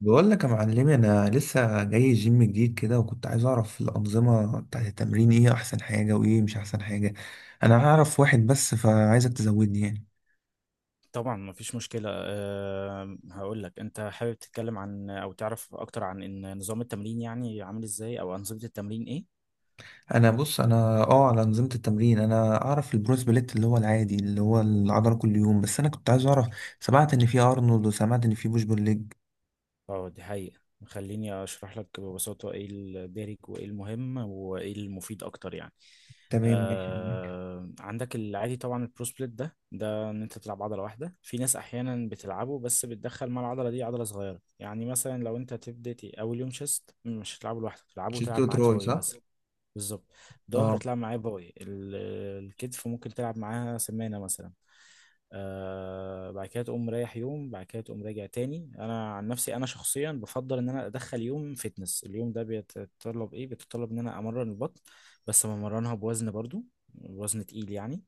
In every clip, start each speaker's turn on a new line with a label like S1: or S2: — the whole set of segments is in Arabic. S1: بقول لك يا معلمي، انا لسه جاي جيم جديد كده، وكنت عايز اعرف الانظمه بتاعت التمرين ايه احسن حاجه وايه مش احسن حاجه. انا اعرف واحد بس، فعايزك تزودني يعني.
S2: طبعا مفيش مشكلة، هقول لك. أنت حابب تتكلم عن تعرف أكتر عن إن نظام التمرين يعني عامل إزاي، أو أنظمة التمرين إيه؟
S1: انا بص، انا اه على انظمه التمرين، انا اعرف البرو سبليت اللي هو العادي اللي هو العضله كل يوم، بس انا كنت عايز اعرف. سمعت ان في ارنولد، وسمعت ان في بوش بول ليج.
S2: أه، دي حقيقة. خليني أشرح لك ببساطة إيه الدارج وإيه المهم وإيه المفيد أكتر يعني.
S1: تمام، ماشي، تمام.
S2: أه، عندك العادي طبعا، البرو سبليت ده، إن أنت تلعب عضلة واحدة. في ناس أحيانا بتلعبه، بس بتدخل مع العضلة دي عضلة صغيرة. يعني مثلا لو أنت تبدأ أول يوم شيست، مش هتلعبه لوحدك
S1: تشيست
S2: تلعب معاه
S1: وتراي
S2: تروي
S1: صح.
S2: مثلا. بالظبط. ظهر
S1: اه.
S2: تلعب معاه باي، الكتف ممكن تلعب معاها سمانة مثلا. آه بعد كده تقوم رايح، يوم بعد كده تقوم راجع تاني. انا عن نفسي، انا شخصيا بفضل ان انا ادخل يوم فتنس. اليوم ده بيتطلب ايه؟ بيتطلب ان انا امرن البطن، بس بمرنها بوزن برضو، وزن تقيل يعني،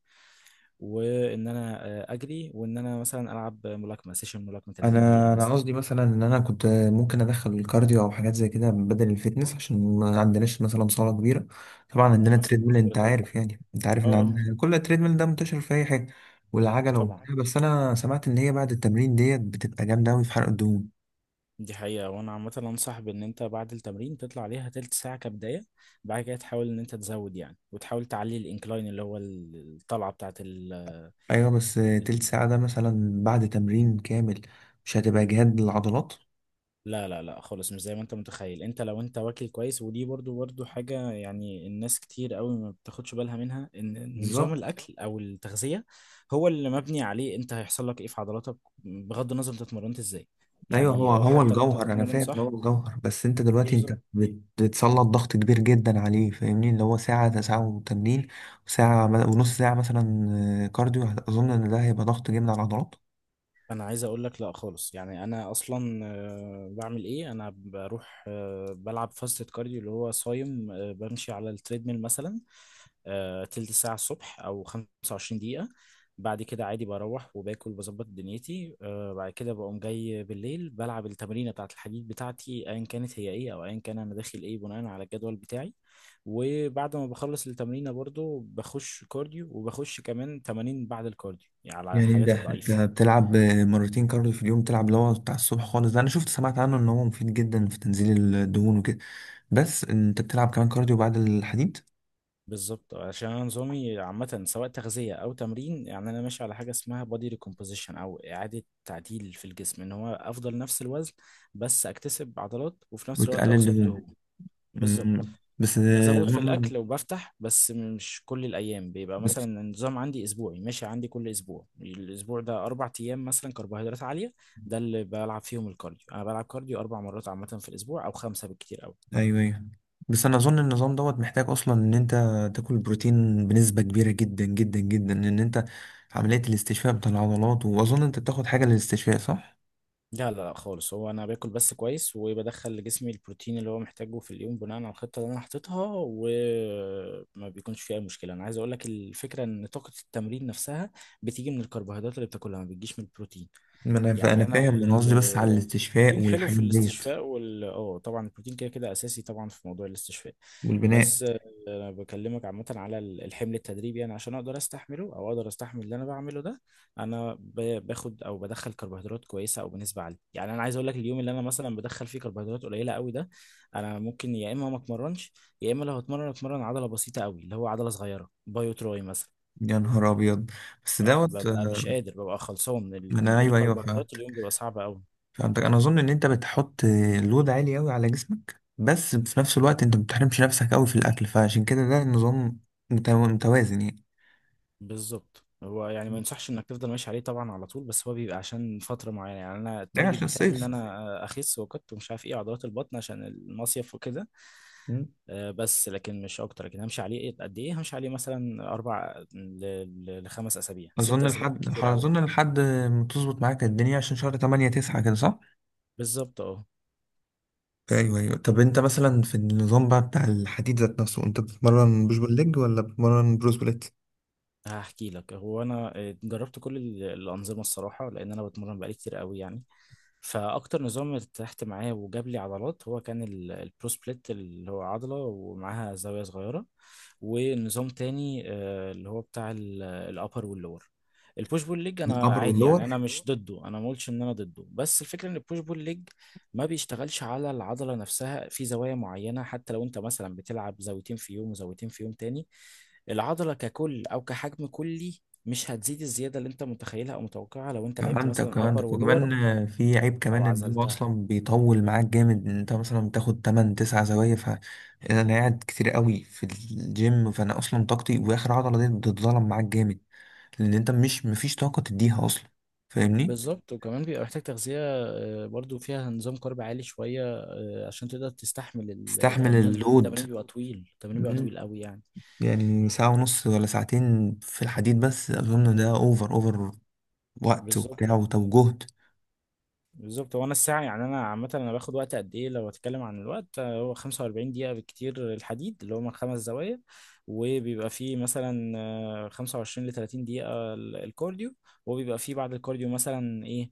S2: وان انا اجري، وان انا مثلا العب ملاكمة، سيشن ملاكمة 30 دقيقة
S1: انا
S2: مثلا.
S1: قصدي مثلا ان انا كنت ممكن ادخل الكارديو او حاجات زي كده بدل الفيتنس، عشان ما عندناش مثلا صاله كبيره. طبعا عندنا
S2: ما فيش
S1: تريدميل،
S2: مشكلة
S1: انت
S2: طبعا.
S1: عارف يعني انت عارف ان
S2: اه اه.
S1: عندنا كل تريدميل ده منتشر في اي حاجه، والعجله
S2: طبعا
S1: وبتاع، بس انا سمعت ان هي بعد التمرين ديت بتبقى جامده قوي في حرق الدهون.
S2: دي حقيقة، وأنا عامة أنصح بإن أنت بعد التمرين تطلع عليها تلت ساعة كبداية. بعد كده تحاول إن أنت تزود يعني، وتحاول تعلي الإنكلاين اللي هو الطلعة بتاعت
S1: ايوه، بس تلت
S2: ال-
S1: ساعه ده مثلا بعد تمرين كامل، مش هتبقى جهاد للعضلات؟
S2: لا لا لا خالص، مش زي ما أنت متخيل. أنت لو أنت واكل كويس، ودي برضو حاجة، يعني الناس كتير قوي ما بتاخدش بالها منها، إن نظام
S1: بالظبط.
S2: الأكل أو التغذية هو اللي مبني عليه أنت هيحصل لك إيه في عضلاتك، بغض النظر أنت اتمرنت إزاي
S1: ايوه، هو
S2: يعني. أو
S1: هو
S2: حتى لو أنت
S1: الجوهر، انا
S2: بتتمرن
S1: فاهم ان هو
S2: صح.
S1: الجوهر، بس انت دلوقتي انت
S2: بالظبط.
S1: بتسلط ضغط كبير جدا عليه، فاهمني، اللي هو ساعه ساعه وتمرين، وساعه ونص ساعه مثلا كارديو. اظن ان ده هيبقى ضغط جامد على العضلات.
S2: انا عايز اقول لك، لا خالص. يعني انا اصلا بعمل ايه؟ انا بروح بلعب فاست كارديو، اللي هو صايم، بمشي على التريدميل مثلا تلت ساعة الصبح، او 25 دقيقة. بعد كده عادي بروح وباكل بظبط دنيتي. بعد كده بقوم جاي بالليل بلعب التمرينة بتاعة الحديد بتاعتي، ايا كانت هي ايه، او ايا كان انا داخل ايه، بناء على الجدول بتاعي. وبعد ما بخلص التمرينة برضو بخش كارديو، وبخش كمان تمارين بعد الكارديو يعني على
S1: يعني
S2: الحاجات
S1: ده انت
S2: الضعيفة.
S1: بتلعب مرتين كارديو في اليوم، بتلعب اللي هو بتاع الصبح خالص، ده انا سمعت عنه ان هو مفيد جدا في تنزيل الدهون وكده، بس انت بتلعب كمان كارديو بعد الحديد
S2: بالظبط، عشان انا نظامي عامة سواء تغذية او تمرين، يعني انا ماشي على حاجة اسمها body recomposition، او اعادة تعديل في الجسم، ان هو افضل نفس الوزن، بس اكتسب عضلات، وفي نفس الوقت
S1: وتقلل
S2: اخسر
S1: الدهون.
S2: دهون. بالظبط.
S1: بس
S2: بزود في
S1: اظن.
S2: الاكل وبفتح، بس مش كل الايام. بيبقى مثلا
S1: بس.
S2: النظام عندي اسبوعي، ماشي عندي كل اسبوع، الاسبوع ده اربع ايام مثلا كربوهيدرات عالية، ده اللي بلعب فيهم الكارديو. انا بلعب كارديو اربع مرات عامة في الاسبوع، او خمسة بالكتير أوي.
S1: ايوه ايوه. بس انا اظن النظام دوت محتاج اصلا ان انت تاكل بروتين بنسبه كبيره جدا جدا جدا، ان انت عمليه الاستشفاء بتاع العضلات، واظن انت بتاخد حاجه للاستشفاء صح؟
S2: لا لا لا خالص، هو انا باكل بس كويس، وبدخل لجسمي البروتين اللي هو محتاجه في اليوم بناء على الخطه اللي انا حاططها، وما بيكونش فيه اي مشكله. انا عايز اقول لك، الفكره ان طاقه التمرين نفسها بتيجي من الكربوهيدرات اللي بتاكلها، ما بتجيش من البروتين.
S1: ما انا
S2: يعني انا
S1: فاهم انا قصدي بس على الاستشفاء
S2: البروتين حلو في
S1: والحاجات ديت،
S2: الاستشفاء، وال اه طبعا البروتين كده كده اساسي طبعا في موضوع الاستشفاء.
S1: والبناء.
S2: بس آه، انا بكلمك عامه على الحمل التدريبي، يعني عشان اقدر استحمله، او اقدر استحمل اللي انا بعمله ده. انا باخد او بدخل كربوهيدرات كويسه او بنسبه عاليه. يعني انا عايز اقول لك، اليوم اللي انا مثلا بدخل فيه كربوهيدرات قليله قوي ده، انا ممكن يا اما ما اتمرنش، يا اما لو هتمرن، اتمرن عضله بسيطه قوي، اللي هو عضله صغيره، بايو تراي مثلا.
S1: يا نهار ابيض. بس
S2: أه،
S1: دوت.
S2: ببقى مش قادر، ببقى خلصان من
S1: ما
S2: من
S1: انا
S2: غير
S1: ايوه ايوه
S2: كربوهيدرات
S1: فهمتك
S2: اليوم بيبقى صعب قوي.
S1: فهمتك، انا اظن ان انت بتحط لود عالي قوي على جسمك، بس في نفس الوقت انت ما بتحرمش نفسك قوي في الاكل، فعشان كده ده النظام متوازن يعني.
S2: بالظبط. هو يعني ما ينصحش انك تفضل ماشي عليه طبعا على طول، بس هو بيبقى عشان فتره معينه، يعني انا
S1: ده
S2: التارجت
S1: عشان
S2: بتاعي ان
S1: الصيف.
S2: انا اخس، وكت ومش عارف ايه، عضلات البطن عشان المصيف وكده. بس لكن مش اكتر. لكن همشي عليه إيه؟ قد ايه همشي عليه؟ مثلا اربع لخمس اسابيع، ست اسابيع كتير قوي.
S1: اظن لحد ما تظبط معاك الدنيا، عشان شهر 8 9 كده صح؟
S2: بالظبط. اه.
S1: ايوه ايوه. طب انت مثلا في النظام بقى بتاع الحديد ذات نفسه، انت بتتمرن بوش
S2: آه.
S1: بول ليج ولا بتتمرن بروس بليت؟
S2: هحكي لك. هو انا جربت كل الانظمه الصراحه، لان انا بتمرن بقالي كتير قوي يعني. فاكتر نظام ارتحت معاه وجاب لي عضلات هو كان البرو سبليت، اللي هو عضله ومعاها زاويه صغيره. ونظام تاني اللي هو بتاع الابر واللور. البوش بول ليج انا
S1: الابر
S2: عادي، يعني
S1: واللور.
S2: انا مش ضده، انا ما قلتش ان انا ضده، بس الفكره ان البوش بول ليج ما بيشتغلش على العضله نفسها في زوايا معينه، حتى لو انت مثلا بتلعب زاويتين في يوم وزاويتين في يوم تاني، العضلة ككل أو كحجم كلي مش هتزيد الزيادة اللي أنت متخيلها أو متوقعها، لو أنت لعبت
S1: فهمتك
S2: مثلا أبر
S1: فهمتك،
S2: ولور.
S1: وكمان في عيب
S2: أو
S1: كمان ان هو
S2: عزلتها.
S1: اصلا بيطول معاك جامد، إن انت مثلا بتاخد 8 9 زوايا، فانا قاعد كتير قوي في الجيم، فانا اصلا طاقتي واخر عضله دي بتتظلم معاك جامد، لان انت مش مفيش طاقه تديها اصلا، فاهمني.
S2: بالظبط، وكمان بيبقى محتاج تغذية برضو فيها نظام كارب عالي شوية، عشان تقدر تستحمل
S1: تستحمل
S2: التمرين، لأن
S1: اللود.
S2: التمرين بيبقى طويل، التمرين بيبقى طويل قوي يعني.
S1: يعني ساعة ونص ولا ساعتين في الحديد، بس أظن ده أوفر أوفر وقت
S2: بالظبط.
S1: وبتاع، وطب جهد.
S2: بالظبط. هو انا الساعه، يعني انا عامه انا باخد وقت قد ايه؟ لو اتكلم عن الوقت، هو 45 دقيقه بالكتير الحديد، اللي هو من خمس زوايا. وبيبقى فيه مثلا 25 ل 30 دقيقه الكارديو. وبيبقى فيه بعد الكارديو مثلا ايه؟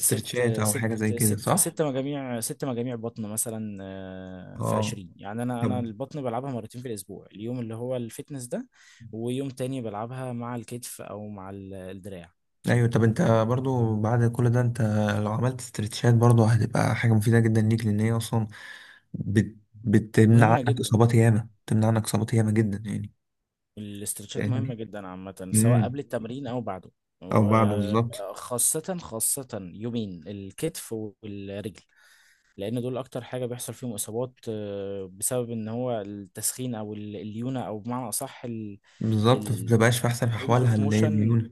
S2: ست
S1: أو حاجة زي
S2: ست
S1: كده
S2: ست
S1: صح؟
S2: ست مجاميع ست مجاميع بطن مثلا. في
S1: اه.
S2: 20، يعني انا
S1: طب
S2: انا البطن بلعبها مرتين في الاسبوع، اليوم اللي هو الفتنس ده، ويوم تاني بلعبها مع الكتف او مع الدراع.
S1: أيوة، طب أنت برضو بعد كل ده، أنت لو عملت استرتشات برضو هتبقى حاجة مفيدة جدا ليك، لأن هي أصلا بتمنع
S2: مهمة
S1: عنك
S2: جدا.
S1: إصابات ياما، بتمنع عنك إصابات ياما جدا يعني.
S2: الاسترتشات مهمة
S1: فاهمني؟
S2: جدا عامة، سواء
S1: امم.
S2: قبل التمرين أو بعده.
S1: أو بعده بالظبط.
S2: وخاصة يومين الكتف والرجل، لأن دول أكتر حاجة بيحصل فيهم إصابات، بسبب إن هو التسخين أو الليونة، أو بمعنى أصح الرينج
S1: بالظبط، ما بتبقاش في أحسن أحوالها،
S2: اوف
S1: اللي هي
S2: موشن.
S1: الميونة.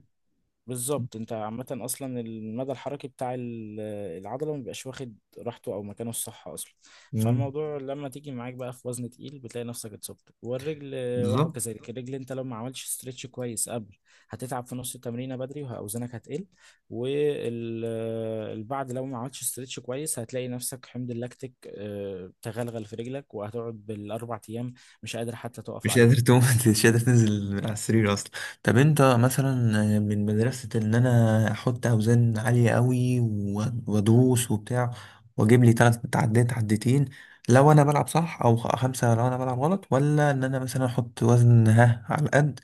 S2: بالظبط. انت عامة اصلا المدى الحركي بتاع العضلة ما بيبقاش واخد راحته او مكانه الصح اصلا.
S1: امم.
S2: فالموضوع لما تيجي معاك بقى في وزن تقيل، بتلاقي نفسك اتصبت. والرجل، وهو
S1: بالظبط.
S2: كذلك الرجل، انت لو ما عملتش استرتش كويس قبل، هتتعب في نص التمرينة بدري، واوزانك هتقل. والبعد لو ما عملتش استرتش كويس، هتلاقي نفسك حمض اللاكتيك تغلغل في رجلك، وهتقعد بالاربع ايام مش قادر حتى تقف
S1: مش قادر
S2: عليها.
S1: تقوم مش قادر تنزل من على السرير اصلا. طب انت مثلا من مدرسة ان انا احط اوزان عالية قوي وادوس وبتاع، واجيب لي تلات تعديات عدتين لو انا بلعب صح، او خمسة لو انا بلعب غلط، ولا ان انا مثلا احط وزن ها على القد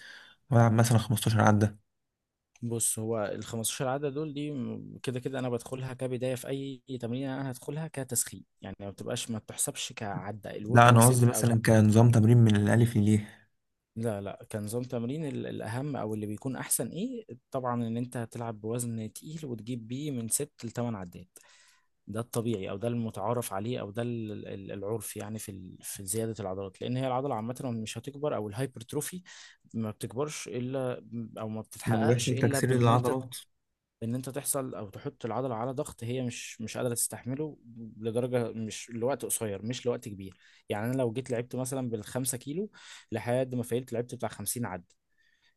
S1: والعب مثلا 15 عدة؟
S2: بص، هو ال 15 عدة دول دي كده كده انا بدخلها كبداية في اي تمرين، انا هدخلها كتسخين، يعني ما بتبقاش، ما بتحسبش كعدة
S1: لا،
S2: الوركينج
S1: انا قصدي
S2: سيت او.
S1: مثلا كنظام تمرين من الالف لليه.
S2: لا لا، كنظام تمرين الاهم، او اللي بيكون احسن ايه طبعا، ان انت هتلعب بوزن تقيل وتجيب بيه من ست لتمن عدات. ده الطبيعي، او ده المتعارف عليه، او ده العرف يعني في في زيادة العضلات، لان هي العضلة عامة مش هتكبر، او الهايبرتروفي ما بتكبرش الا، او ما
S1: لما
S2: بتتحققش
S1: بيحصل
S2: الا
S1: تكسير
S2: بان انت،
S1: للعضلات.
S2: ان انت تحصل او تحط العضله على ضغط هي مش قادره تستحمله، لدرجه، مش لوقت قصير، مش لوقت كبير. يعني انا لو جيت لعبت مثلا بالخمسة كيلو لحد ما فايلت، لعبت بتاع 50 عد،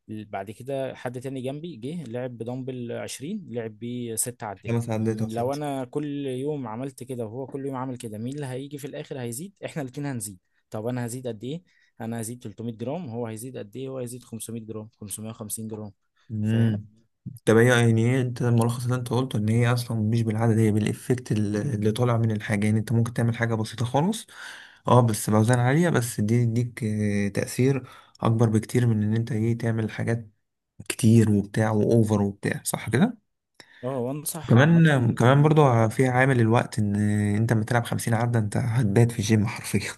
S2: بعد كده حد تاني جنبي جه لعب بدمبل 20، لعب بيه ست عدات.
S1: خمس عدات او
S2: م، لو
S1: ستة.
S2: انا كل يوم عملت كده، وهو كل يوم عمل كده، مين اللي هيجي في الاخر هيزيد؟ احنا الاتنين هنزيد، طب انا هزيد قد ايه؟ انا هزيد 300 جرام، هو هيزيد قد ايه؟ هو هيزيد 500 جرام، 550 جرام.
S1: امم.
S2: فاهم.
S1: طب هي يعني ايه، انت الملخص اللي انت قلته ان هي اصلا مش بالعدد، هي بالافكت ال- اللي طالع من الحاجه، يعني انت ممكن تعمل حاجه بسيطه خالص اه بس باوزان عاليه، بس دي تديك تاثير اكبر بكتير من ان انت ايه تعمل حاجات كتير وبتاع واوفر وبتاع صح كده،
S2: اه. وانصح عامة
S1: وكمان
S2: ان
S1: كمان
S2: انت،
S1: برضو فيها عامل الوقت ان انت لما تلعب 50 عده انت هتبات في الجيم حرفيا.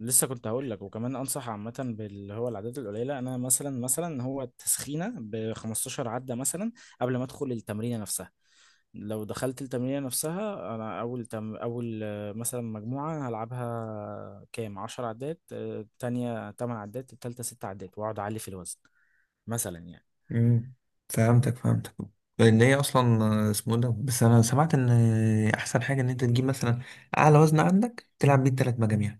S2: لسه كنت هقول لك، وكمان انصح عامة باللي هو العدات القليلة. انا مثلا هو التسخينة ب 15 عدة مثلا، قبل ما ادخل التمرينة نفسها. لو دخلت التمرينة نفسها، أنا أول تم أول آه، مثلا مجموعة هلعبها كام؟ عشر عدات، التانية تمن عدات، التالتة ست عدات، وأقعد أعلي في الوزن مثلا يعني.
S1: مم. فهمتك فهمتك، لان هي اصلا اسمه ده، بس انا سمعت ان احسن حاجه ان انت تجيب مثلا اعلى وزن عندك تلعب بيه الثلاث مجاميع.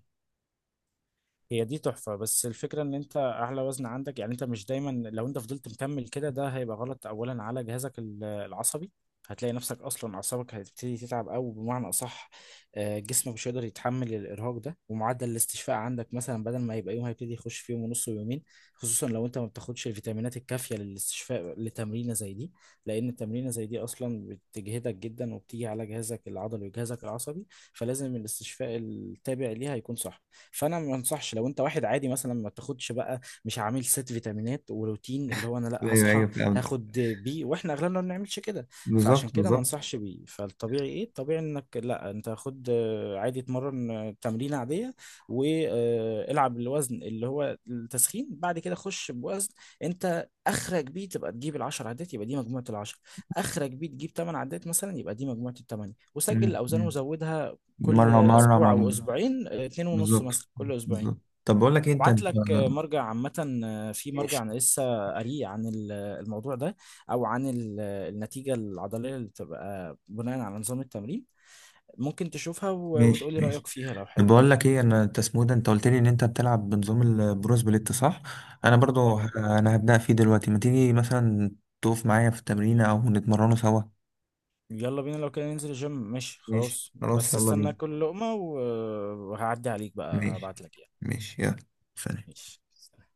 S2: هي دي تحفة. بس الفكرة ان انت اعلى وزن عندك، يعني انت مش دايما لو انت فضلت مكمل كده، ده هيبقى غلط اولا على جهازك العصبي. هتلاقي نفسك اصلا اعصابك هتبتدي تتعب، او بمعنى اصح جسمك مش هيقدر يتحمل الارهاق ده، ومعدل الاستشفاء عندك مثلا بدل ما يبقى يوم، هيبتدي يخش في يوم ونص ويومين، خصوصا لو انت ما بتاخدش الفيتامينات الكافية للاستشفاء لتمرينة زي دي، لان التمرينة زي دي اصلا بتجهدك جدا، وبتيجي على جهازك العضلي وجهازك العصبي، فلازم الاستشفاء التابع ليها يكون صح. فانا ما انصحش. لو انت واحد عادي مثلا، ما تاخدش بقى، مش عامل ست فيتامينات وروتين اللي هو انا لا،
S1: ايوه
S2: هصحى
S1: ايوه فهمت.
S2: هاخد بي، واحنا اغلبنا ما بنعملش كده، فعشان
S1: بالظبط
S2: كده ما
S1: بالظبط.
S2: انصحش بيه. فالطبيعي ايه؟ الطبيعي انك لا، انت خد عادي، اتمرن تمرينه عاديه، والعب الوزن اللي هو التسخين. بعد كده خش بوزن انت اخرج بيه، تبقى تجيب العشر عدات، يبقى دي مجموعه العشر. اخرج بيه تجيب تمن عدات مثلا، يبقى دي مجموعه التمانية، وسجل
S1: مم.
S2: الاوزان
S1: مم.
S2: وزودها كل
S1: مره مره
S2: اسبوع
S1: مع
S2: او
S1: مره.
S2: اسبوعين، اتنين ونص
S1: بالظبط
S2: مثلا، كل اسبوعين.
S1: بالظبط. طب بقول لك ايه،
S2: ابعت لك مرجع عامة، في مرجع
S1: ماشي
S2: انا لسه قاريه عن الموضوع ده، او عن النتيجة العضلية اللي بتبقى بناء على نظام التمرين، ممكن تشوفها
S1: ماشي.
S2: وتقول لي رأيك
S1: ماشي
S2: فيها لو
S1: طب
S2: حابب.
S1: بقول لك ايه، انت اسمه إيه ده، انت قلت لي ان انت بتلعب بنظام البرو سبليت صح؟ انا برضو
S2: اه.
S1: انا هبدا فيه دلوقتي، ما تيجي مثلا تقف معايا في التمرين او نتمرنه سوا.
S2: يلا بينا لو كده، ننزل الجيم، ماشي
S1: ماشي
S2: خلاص،
S1: خلاص،
S2: بس
S1: يلا
S2: استنى
S1: بينا.
S2: كل لقمة وهعدي عليك بقى،
S1: ماشي
S2: هبعت لك يعني.
S1: ماشي، يلا. سلام.
S2: ماشي.